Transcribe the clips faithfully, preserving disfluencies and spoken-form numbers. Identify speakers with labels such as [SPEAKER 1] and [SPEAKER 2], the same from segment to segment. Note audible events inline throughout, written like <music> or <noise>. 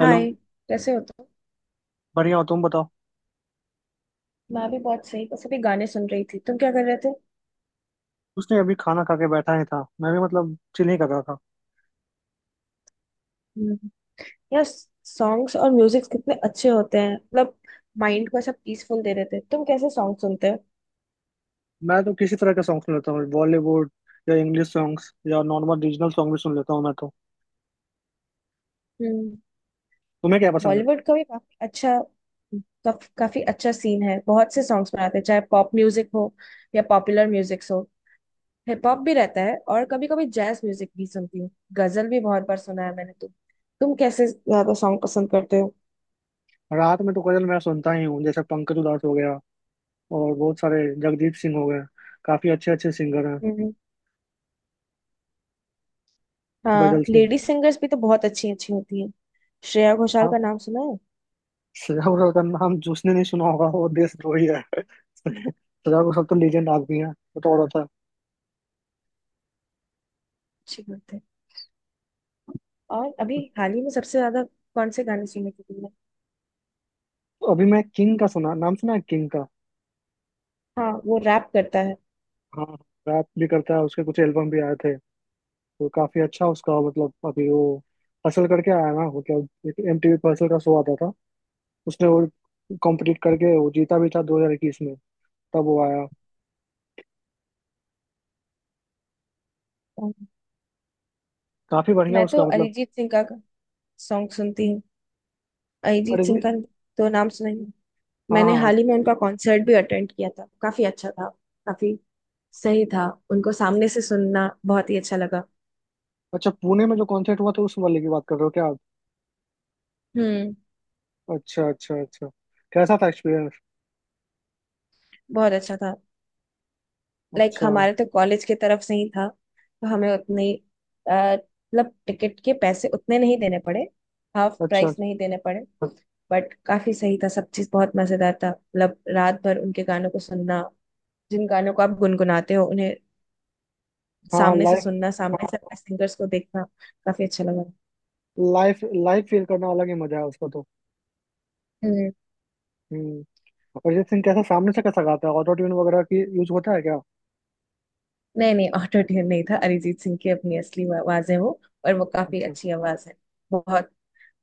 [SPEAKER 1] Hello.
[SPEAKER 2] कैसे हो तुम?
[SPEAKER 1] बढ़िया हो तुम बताओ।
[SPEAKER 2] मैं भी बहुत सही। बस अभी गाने सुन रही थी। तुम क्या कर रहे थे?
[SPEAKER 1] उसने अभी खाना खा के बैठा ही था मैं भी मतलब चिल ही कर रहा था।
[SPEAKER 2] हम्म। यार, सॉन्ग्स और म्यूजिक कितने अच्छे होते हैं, मतलब माइंड को ऐसा पीसफुल दे देते हैं। तुम कैसे सॉन्ग सुनते हो?
[SPEAKER 1] मैं तो किसी तरह के सॉन्ग सुन लेता हूँ बॉलीवुड या इंग्लिश सॉन्ग्स या नॉर्मल रीजनल सॉन्ग भी सुन लेता हूँ मैं तो।
[SPEAKER 2] हम्म।
[SPEAKER 1] तुम्हें क्या पसंद है?
[SPEAKER 2] बॉलीवुड का भी काफी अच्छा काफ, काफी अच्छा सीन है। बहुत से सॉन्ग्स बनाते हैं, चाहे पॉप म्यूजिक हो या पॉपुलर म्यूजिक हो। हिप हॉप भी रहता है, और कभी कभी जैज म्यूजिक भी सुनती हूँ। गजल भी बहुत बार सुना है मैंने। तुम तुम कैसे ज्यादा सॉन्ग पसंद करते
[SPEAKER 1] रात में तो गजल मैं सुनता ही हूँ जैसे पंकज उधास हो गया और बहुत सारे जगदीप सिंह हो गए। काफी अच्छे अच्छे सिंगर हैं।
[SPEAKER 2] हो? हाँ,
[SPEAKER 1] गजल सिंह।
[SPEAKER 2] लेडी सिंगर्स भी तो बहुत अच्छी अच्छी होती है। श्रेया घोषाल
[SPEAKER 1] हाँ।
[SPEAKER 2] का नाम सुना है?
[SPEAKER 1] सजा घोषाल का नाम जिसने नहीं सुना होगा वो देशद्रोही है। <laughs> सजा घोषाल तो लीजेंड आदमी है वो तो और होता है।
[SPEAKER 2] अच्छी बात है। और अभी हाल ही में सबसे ज्यादा कौन से गाने सुने थे तुमने?
[SPEAKER 1] अभी मैं किंग का सुना नाम सुना है किंग का।
[SPEAKER 2] हाँ, वो रैप करता है।
[SPEAKER 1] हाँ। रैप भी करता है उसके कुछ एल्बम भी आए थे। तो काफी अच्छा उसका मतलब अभी वो हसल करके आया ना मतलब एक एमटीवी पर हसल का शो आता था। उसने वो कॉम्पिटिट करके वो जीता भी था दो हज़ार इक्कीस में। तब वो आया
[SPEAKER 2] और
[SPEAKER 1] काफी बढ़िया
[SPEAKER 2] मैं तो
[SPEAKER 1] उसका मतलब।
[SPEAKER 2] अरिजीत सिंह का सॉन्ग सुनती हूँ।
[SPEAKER 1] अरे।
[SPEAKER 2] अरिजीत सिंह का तो नाम सुना ही है।
[SPEAKER 1] हाँ
[SPEAKER 2] मैंने
[SPEAKER 1] हाँ हाँ।
[SPEAKER 2] हाल ही में उनका कॉन्सर्ट भी अटेंड किया था। काफी अच्छा था। काफी सही था। उनको सामने से सुनना बहुत ही अच्छा लगा।
[SPEAKER 1] अच्छा पुणे में जो कॉन्सर्ट हुआ था उस वाले की बात कर रहे हो क्या आप?
[SPEAKER 2] हम्म।
[SPEAKER 1] अच्छा अच्छा अच्छा। कैसा था एक्सपीरियंस?
[SPEAKER 2] बहुत अच्छा था। लाइक
[SPEAKER 1] अच्छा।
[SPEAKER 2] हमारे तो कॉलेज की तरफ से ही था, तो हमें उतने ही, अ, मतलब टिकट के पैसे उतने नहीं देने पड़े। हाफ
[SPEAKER 1] अच्छा।
[SPEAKER 2] प्राइस नहीं देने पड़े। बट काफी सही था, सब चीज बहुत मजेदार था। मतलब रात भर उनके गानों को सुनना, जिन गानों को आप गुनगुनाते हो उन्हें
[SPEAKER 1] हाँ हाँ।
[SPEAKER 2] सामने से
[SPEAKER 1] लाइफ
[SPEAKER 2] सुनना, सामने से अपने सिंगर्स को देखना, काफी अच्छा लगा।
[SPEAKER 1] लाइफ लाइफ फील करना अलग ही मजा है उसका तो।
[SPEAKER 2] हम्म।
[SPEAKER 1] हम्म। अरिजीत सिंह कैसा सामने से कैसा गाता है ऑटो ट्यून वगैरह की यूज होता है क्या?
[SPEAKER 2] नहीं नहीं, ऑटो ट्यून नहीं था। अरिजीत सिंह की अपनी असली आवाज है वो, और वो काफी
[SPEAKER 1] अच्छा।
[SPEAKER 2] अच्छी आवाज है। बहुत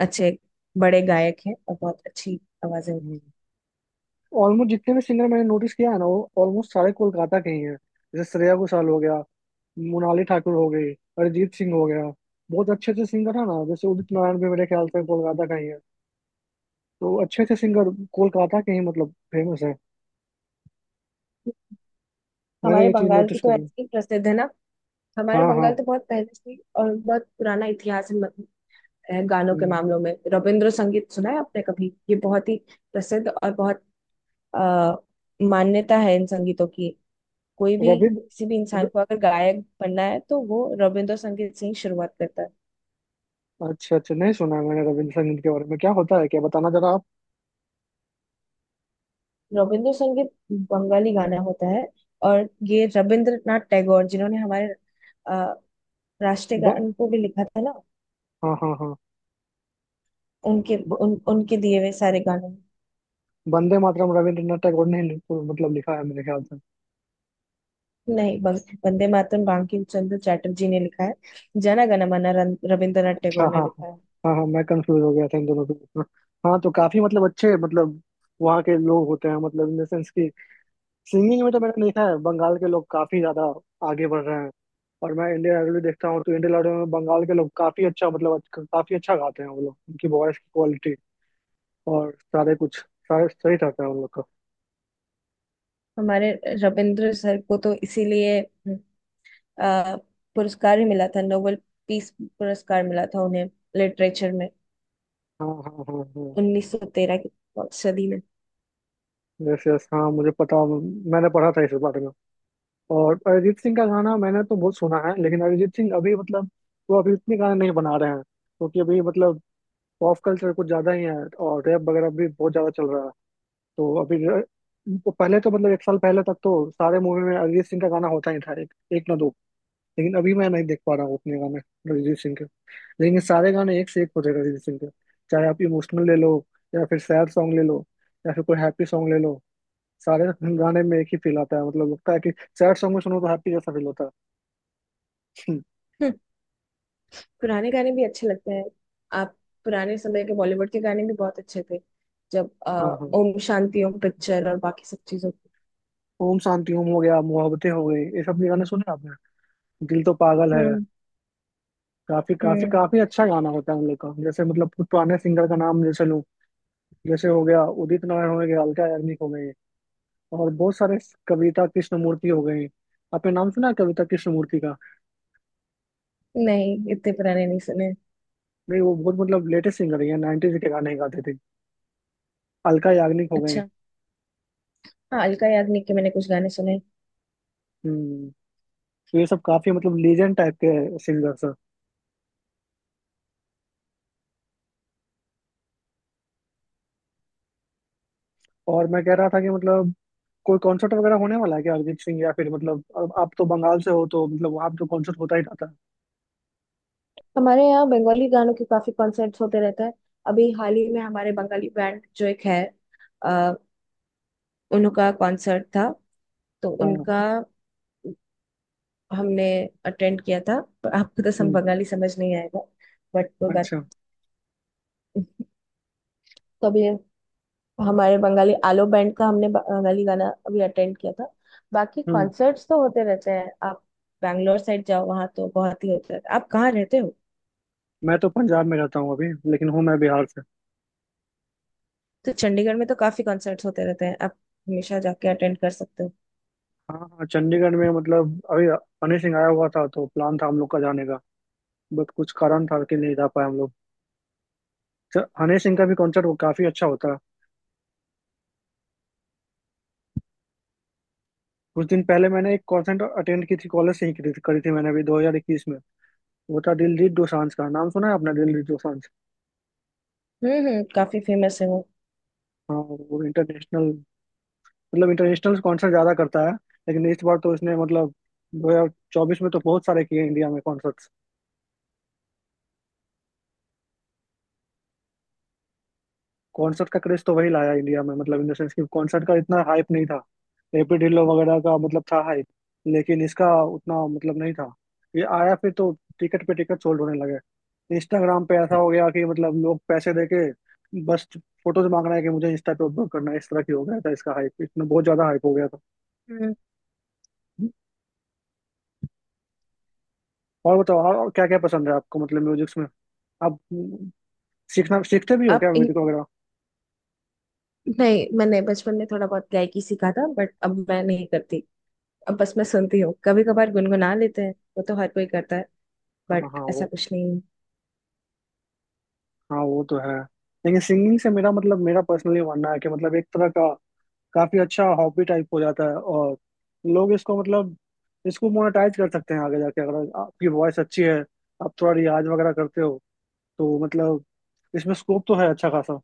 [SPEAKER 2] अच्छे बड़े गायक हैं और बहुत अच्छी आवाजें हैं।
[SPEAKER 1] ऑलमोस्ट जितने भी सिंगर मैंने नोटिस किया है ना वो ऑलमोस्ट सारे कोलकाता के ही हैं। जैसे श्रेया घोषाल हो गया। मोनाली ठाकुर हो गई। अरिजीत सिंह हो गया। बहुत अच्छे अच्छे सिंगर है ना जैसे उदित नारायण भी मेरे ख्याल से कोलकाता का ही है। तो अच्छे अच्छे सिंगर कोलकाता के ही मतलब फेमस है। मैंने
[SPEAKER 2] हमारे
[SPEAKER 1] ये चीज
[SPEAKER 2] बंगाल की
[SPEAKER 1] नोटिस
[SPEAKER 2] तो
[SPEAKER 1] करी।
[SPEAKER 2] ऐसी प्रसिद्ध है ना। हमारे
[SPEAKER 1] हाँ हाँ।
[SPEAKER 2] बंगाल तो बहुत पहले से ही और बहुत पुराना इतिहास है मत- है गानों के
[SPEAKER 1] हम्म।
[SPEAKER 2] मामलों में। रविंद्र संगीत सुना है आपने कभी? ये बहुत ही प्रसिद्ध और बहुत आ, मान्यता है इन संगीतों की। कोई भी, किसी भी
[SPEAKER 1] रविंद्र
[SPEAKER 2] इंसान
[SPEAKER 1] र-
[SPEAKER 2] को अगर गायक बनना है तो वो रविंद्र संगीत से ही शुरुआत करता है।
[SPEAKER 1] अच्छा अच्छा नहीं सुना है मैंने रविंद्र संगीत के बारे में क्या होता है क्या बताना जरा आप।
[SPEAKER 2] रविंद्र संगीत बंगाली गाना होता है। और ये रविंद्रनाथ टैगोर, जिन्होंरीय हमारे अ, राष्ट्रीय
[SPEAKER 1] ब,
[SPEAKER 2] गान को भी लिखा था ना।
[SPEAKER 1] हाँ हाँ हाँ।
[SPEAKER 2] उनके
[SPEAKER 1] ब,
[SPEAKER 2] उन, उनके दिए हुए सारे गाने।
[SPEAKER 1] वंदे मातरम रविंद्रनाथ टैगोर ने ही मतलब लिखा है मेरे ख्याल से।
[SPEAKER 2] नहीं बं- वंदे मातरम बंकिम चंद्र चटर्जी ने लिखा है। जन गण मन रन- रविंद्रनाथ टैगोर
[SPEAKER 1] हाँ हाँ
[SPEAKER 2] ने
[SPEAKER 1] हाँ
[SPEAKER 2] लिखा है।
[SPEAKER 1] हाँ। हाँ मैं कंफ्यूज हो गया था इन दोनों के बीच में। हाँ तो काफी मतलब अच्छे मतलब वहाँ के लोग होते हैं मतलब इन द सेंस की सिंगिंग में तो मैंने देखा है बंगाल के लोग काफी ज्यादा आगे बढ़ रहे हैं। और मैं इंडियन आइडल भी देखता हूँ तो इंडियन आइडल में बंगाल के लोग काफी अच्छा मतलब अच्छ- काफी अच्छा गाते हैं वो लोग उनकी वॉइस की क्वालिटी और सारे कुछ सारे सही रहता है उन लोग का।
[SPEAKER 2] हमारे रविंद्र सर को तो इसीलिए हम्म, अ, पुरस्कार ही मिला था। नोबेल पीस पुरस्कार मिला था उन्हें, लिटरेचर में,
[SPEAKER 1] हाँ हाँ हाँ हाँ।
[SPEAKER 2] उन्नीस सौ तेरह की सदी में।
[SPEAKER 1] यस यस हाँ मुझे पता। मैंने पढ़ा था इस बारे में। और अरिजीत सिंह का गाना मैंने तो बहुत सुना है लेकिन अरिजीत सिंह अभी मतलब वो अभी इतने गाने नहीं बना रहे हैं क्योंकि अभी मतलब पॉप कल्चर कुछ ज़्यादा ही है। और रैप वगैरह भी बहुत ज़्यादा चल रहा है। तो अभी र- तो पहले तो मतलब एक साल पहले तक तो सारे मूवी में अरिजीत सिंह का गाना होता ही था एक, एक ना दो। लेकिन अभी मैं नहीं देख पा रहा हूँ उतने गाने अरिजीत सिंह के। लेकिन ये सारे गाने एक से एक होते हैं अरिजीत सिंह के। चाहे आप इमोशनल ले लो या फिर सैड सॉन्ग ले लो या फिर कोई हैप्पी सॉन्ग ले लो सारे <laughs> गाने में एक ही फील आता है मतलब लगता है कि सैड सॉन्ग में सुनो तो हैप्पी जैसा फील होता है।
[SPEAKER 2] हम्म। पुराने गाने भी अच्छे लगते हैं। आप पुराने समय के बॉलीवुड के गाने भी बहुत अच्छे थे। जब अ,
[SPEAKER 1] हाँ हाँ।
[SPEAKER 2] ओम शांति ओम पिक्चर और बाकी सब चीजों की।
[SPEAKER 1] ओम शांति ओम हो गया मोहब्बतें हो गई ये सब भी गाने सुने आपने दिल तो पागल है।
[SPEAKER 2] हम्म
[SPEAKER 1] काफी काफी
[SPEAKER 2] हम्म,
[SPEAKER 1] काफी अच्छा गाना होता है उन लोग का जैसे मतलब कुछ पुराने सिंगर का नाम जैसे लूँ जैसे हो गया उदित नारायण हो गया अलका याग्निक हो गए और बहुत सारे कविता कृष्णमूर्ति हो गए। आपने नाम सुना है कविता कृष्णमूर्ति का?
[SPEAKER 2] नहीं, इतने पुराने नहीं सुने।
[SPEAKER 1] नहीं वो बहुत मतलब लेटेस्ट सिंगर है नाइनटीज के गाने गाते थे। अलका याग्निक हो गए।
[SPEAKER 2] अच्छा। हाँ, अलका याग्निक के मैंने कुछ गाने सुने।
[SPEAKER 1] हम्म। तो ये सब काफी मतलब लीजेंड टाइप के सिंगर्स। और मैं कह रहा था कि मतलब कोई कॉन्सर्ट वगैरह होने वाला है क्या अरिजीत सिंह या फिर मतलब अब आप तो बंगाल से हो तो मतलब वहाँ पे तो कॉन्सर्ट होता ही रहता है।
[SPEAKER 2] हमारे यहाँ बंगाली गानों के काफी कॉन्सर्ट्स होते रहते हैं। अभी हाल ही में हमारे बंगाली बैंड जो एक है, अ, उनका कॉन्सर्ट था। तो
[SPEAKER 1] हाँ।
[SPEAKER 2] उनका हमने अटेंड किया था, पर आपको तो सब
[SPEAKER 1] हम्म।
[SPEAKER 2] बंगाली समझ नहीं आएगा। बट कोई बात
[SPEAKER 1] अच्छा।
[SPEAKER 2] नहीं। तो अभी हमारे बंगाली आलो बैंड का हमने बंगाली गाना अभी अटेंड किया था। बाकी
[SPEAKER 1] हम्म।
[SPEAKER 2] कॉन्सर्ट्स तो होते रहते हैं। आप बैंगलोर साइड जाओ, वहाँ तो बहुत ही होता है। आप कहाँ रहते हो?
[SPEAKER 1] मैं तो पंजाब में रहता हूँ अभी लेकिन हूँ मैं बिहार से।
[SPEAKER 2] तो चंडीगढ़ में तो काफी कॉन्सर्ट्स होते रहते हैं, आप हमेशा जाके अटेंड कर सकते हो।
[SPEAKER 1] हाँ हाँ चंडीगढ़ में मतलब अभी हनी सिंह आया हुआ था तो प्लान था हम लोग का जाने का बट कुछ कारण था कि नहीं जा पाए हम लोग। च- हनी सिंह का भी कॉन्सर्ट वो काफी अच्छा होता है। कुछ दिन पहले मैंने एक कॉन्सर्ट अटेंड की थी कॉलेज से ही करी थी, करी थी मैंने अभी दो हज़ार इक्कीस में। वो था दिलजीत दोसांझ का नाम सुना है आपने दिलजीत दोसांझ?
[SPEAKER 2] हम्म हम्म, काफी फेमस है वो।
[SPEAKER 1] हाँ। वो इंटरनेशनल मतलब इंटरनेशनल कॉन्सर्ट ज्यादा करता है। लेकिन इस बार तो इसने मतलब दो हज़ार चौबीस में तो बहुत सारे किए इंडिया में कॉन्सर्ट्स। कॉन्सर्ट का क्रेज तो वही लाया इंडिया में मतलब इन द सेंस कि कॉन्सर्ट का इतना हाइप नहीं था। एपी ढिल्लो वगैरह का मतलब था हाइप। लेकिन इसका उतना मतलब नहीं था। ये आया फिर तो टिकट पे टिकट सोल्ड होने लगे। इंस्टाग्राम पे ऐसा हो गया कि मतलब लोग पैसे दे के बस फोटोज मांग रहे हैं कि मुझे इंस्टा पे अपलोड करना है इस तरह की हो गया था इसका हाइप इसमें बहुत ज्यादा हाइप हो गया था।
[SPEAKER 2] हम्म।
[SPEAKER 1] और बताओ और क्या क्या पसंद है आपको मतलब म्यूजिक्स में? आप सीखना सीखते भी हो
[SPEAKER 2] आप
[SPEAKER 1] क्या
[SPEAKER 2] इन...
[SPEAKER 1] म्यूजिक वगैरह?
[SPEAKER 2] नहीं, मैंने बचपन में थोड़ा बहुत गायकी सीखा था। बट अब मैं नहीं करती। अब बस मैं सुनती हूँ, कभी कभार गुनगुना लेते हैं। वो तो हर कोई करता है,
[SPEAKER 1] हाँ
[SPEAKER 2] बट
[SPEAKER 1] हाँ
[SPEAKER 2] ऐसा
[SPEAKER 1] वो।
[SPEAKER 2] कुछ नहीं है।
[SPEAKER 1] हाँ वो तो है। लेकिन सिंगिंग से मेरा मतलब मेरा पर्सनली मानना है कि मतलब एक तरह का काफी अच्छा हॉबी टाइप हो जाता है। और लोग इसको मतलब इसको मोनेटाइज कर सकते हैं आगे जाके अगर आपकी वॉइस अच्छी है। आप थोड़ा रियाज वगैरह करते हो तो मतलब इसमें स्कोप तो है अच्छा खासा।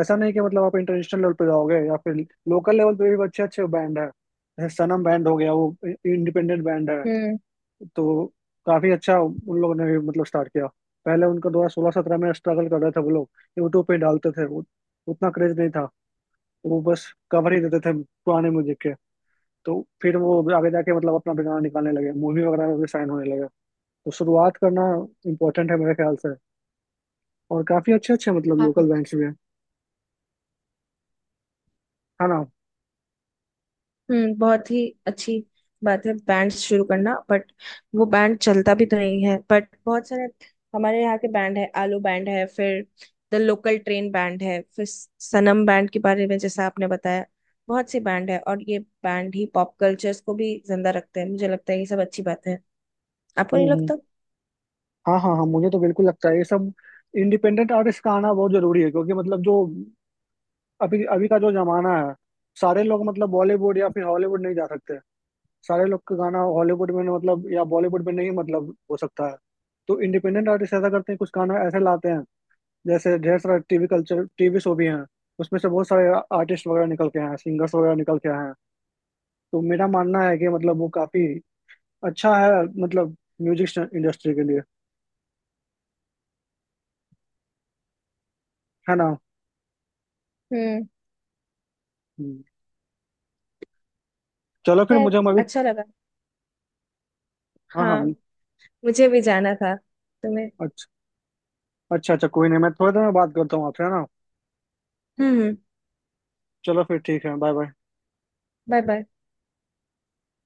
[SPEAKER 1] ऐसा नहीं कि मतलब आप इंटरनेशनल लेवल पे जाओगे या फिर लोकल लेवल पे भी अच्छे अच्छे बैंड है जैसे सनम बैंड हो गया वो इंडिपेंडेंट बैंड है।
[SPEAKER 2] हम्म।
[SPEAKER 1] तो काफी अच्छा उन लोगों ने भी मतलब स्टार्ट किया पहले उनका दो हज़ार सोलह-सत्रह में स्ट्रगल कर रहे थे वो लोग। यूट्यूब पे डालते थे वो उतना क्रेज नहीं था वो बस कवर ही देते थे पुराने म्यूजिक के तो फिर वो आगे जाके मतलब अपना भी गाना निकालने लगे मूवी वगैरह में भी साइन होने लगे। तो शुरुआत करना इम्पोर्टेंट है मेरे ख्याल से। और काफी अच्छे अच्छे मतलब लोकल
[SPEAKER 2] हाँ।
[SPEAKER 1] बैंड्स भी हैं है ना?
[SPEAKER 2] हम्म बहुत ही अच्छी बात है बैंड शुरू करना, बट वो बैंड चलता भी तो नहीं है। बट बहुत सारे हमारे यहाँ के बैंड है, आलू बैंड है, फिर द लोकल ट्रेन बैंड है, फिर सनम बैंड के बारे में जैसा आपने बताया, बहुत से बैंड है। और ये बैंड ही पॉप कल्चर्स को भी जिंदा रखते हैं, मुझे लगता है। ये सब अच्छी बात है, आपको नहीं
[SPEAKER 1] हम्म हम्म।
[SPEAKER 2] लगता?
[SPEAKER 1] हाँ हाँ हाँ मुझे तो बिल्कुल लगता है ये सब इंडिपेंडेंट आर्टिस्ट का आना बहुत जरूरी है क्योंकि मतलब जो अभी अभी का जो जमाना है सारे लोग मतलब बॉलीवुड या फिर हॉलीवुड नहीं जा सकते। सारे लोग का गाना हॉलीवुड में नहीं मतलब या बॉलीवुड में नहीं मतलब हो सकता है। तो इंडिपेंडेंट आर्टिस्ट ऐसा करते हैं कुछ गाना ऐसे लाते हैं जैसे ढेर सारे टीवी कल्चर टीवी शो भी हैं। उसमें से बहुत सारे आर्टिस्ट वगैरह निकल के आए हैं सिंगर्स वगैरह निकल के आए हैं। तो मेरा मानना है कि मतलब वो काफी अच्छा है मतलब म्यूजिक इंडस्ट्री के लिए है ना।
[SPEAKER 2] हम्म।
[SPEAKER 1] हम्म। चलो फिर
[SPEAKER 2] खैर,
[SPEAKER 1] मुझे हम अभी।
[SPEAKER 2] अच्छा लगा।
[SPEAKER 1] हाँ हाँ।
[SPEAKER 2] हाँ, मुझे भी जाना था। तुम्हें।
[SPEAKER 1] अच्छा अच्छा अच्छा कोई नहीं मैं थोड़ी देर में बात करता हूँ आपसे है ना?
[SPEAKER 2] हम्म
[SPEAKER 1] चलो फिर ठीक है बाय बाय।
[SPEAKER 2] Bye bye.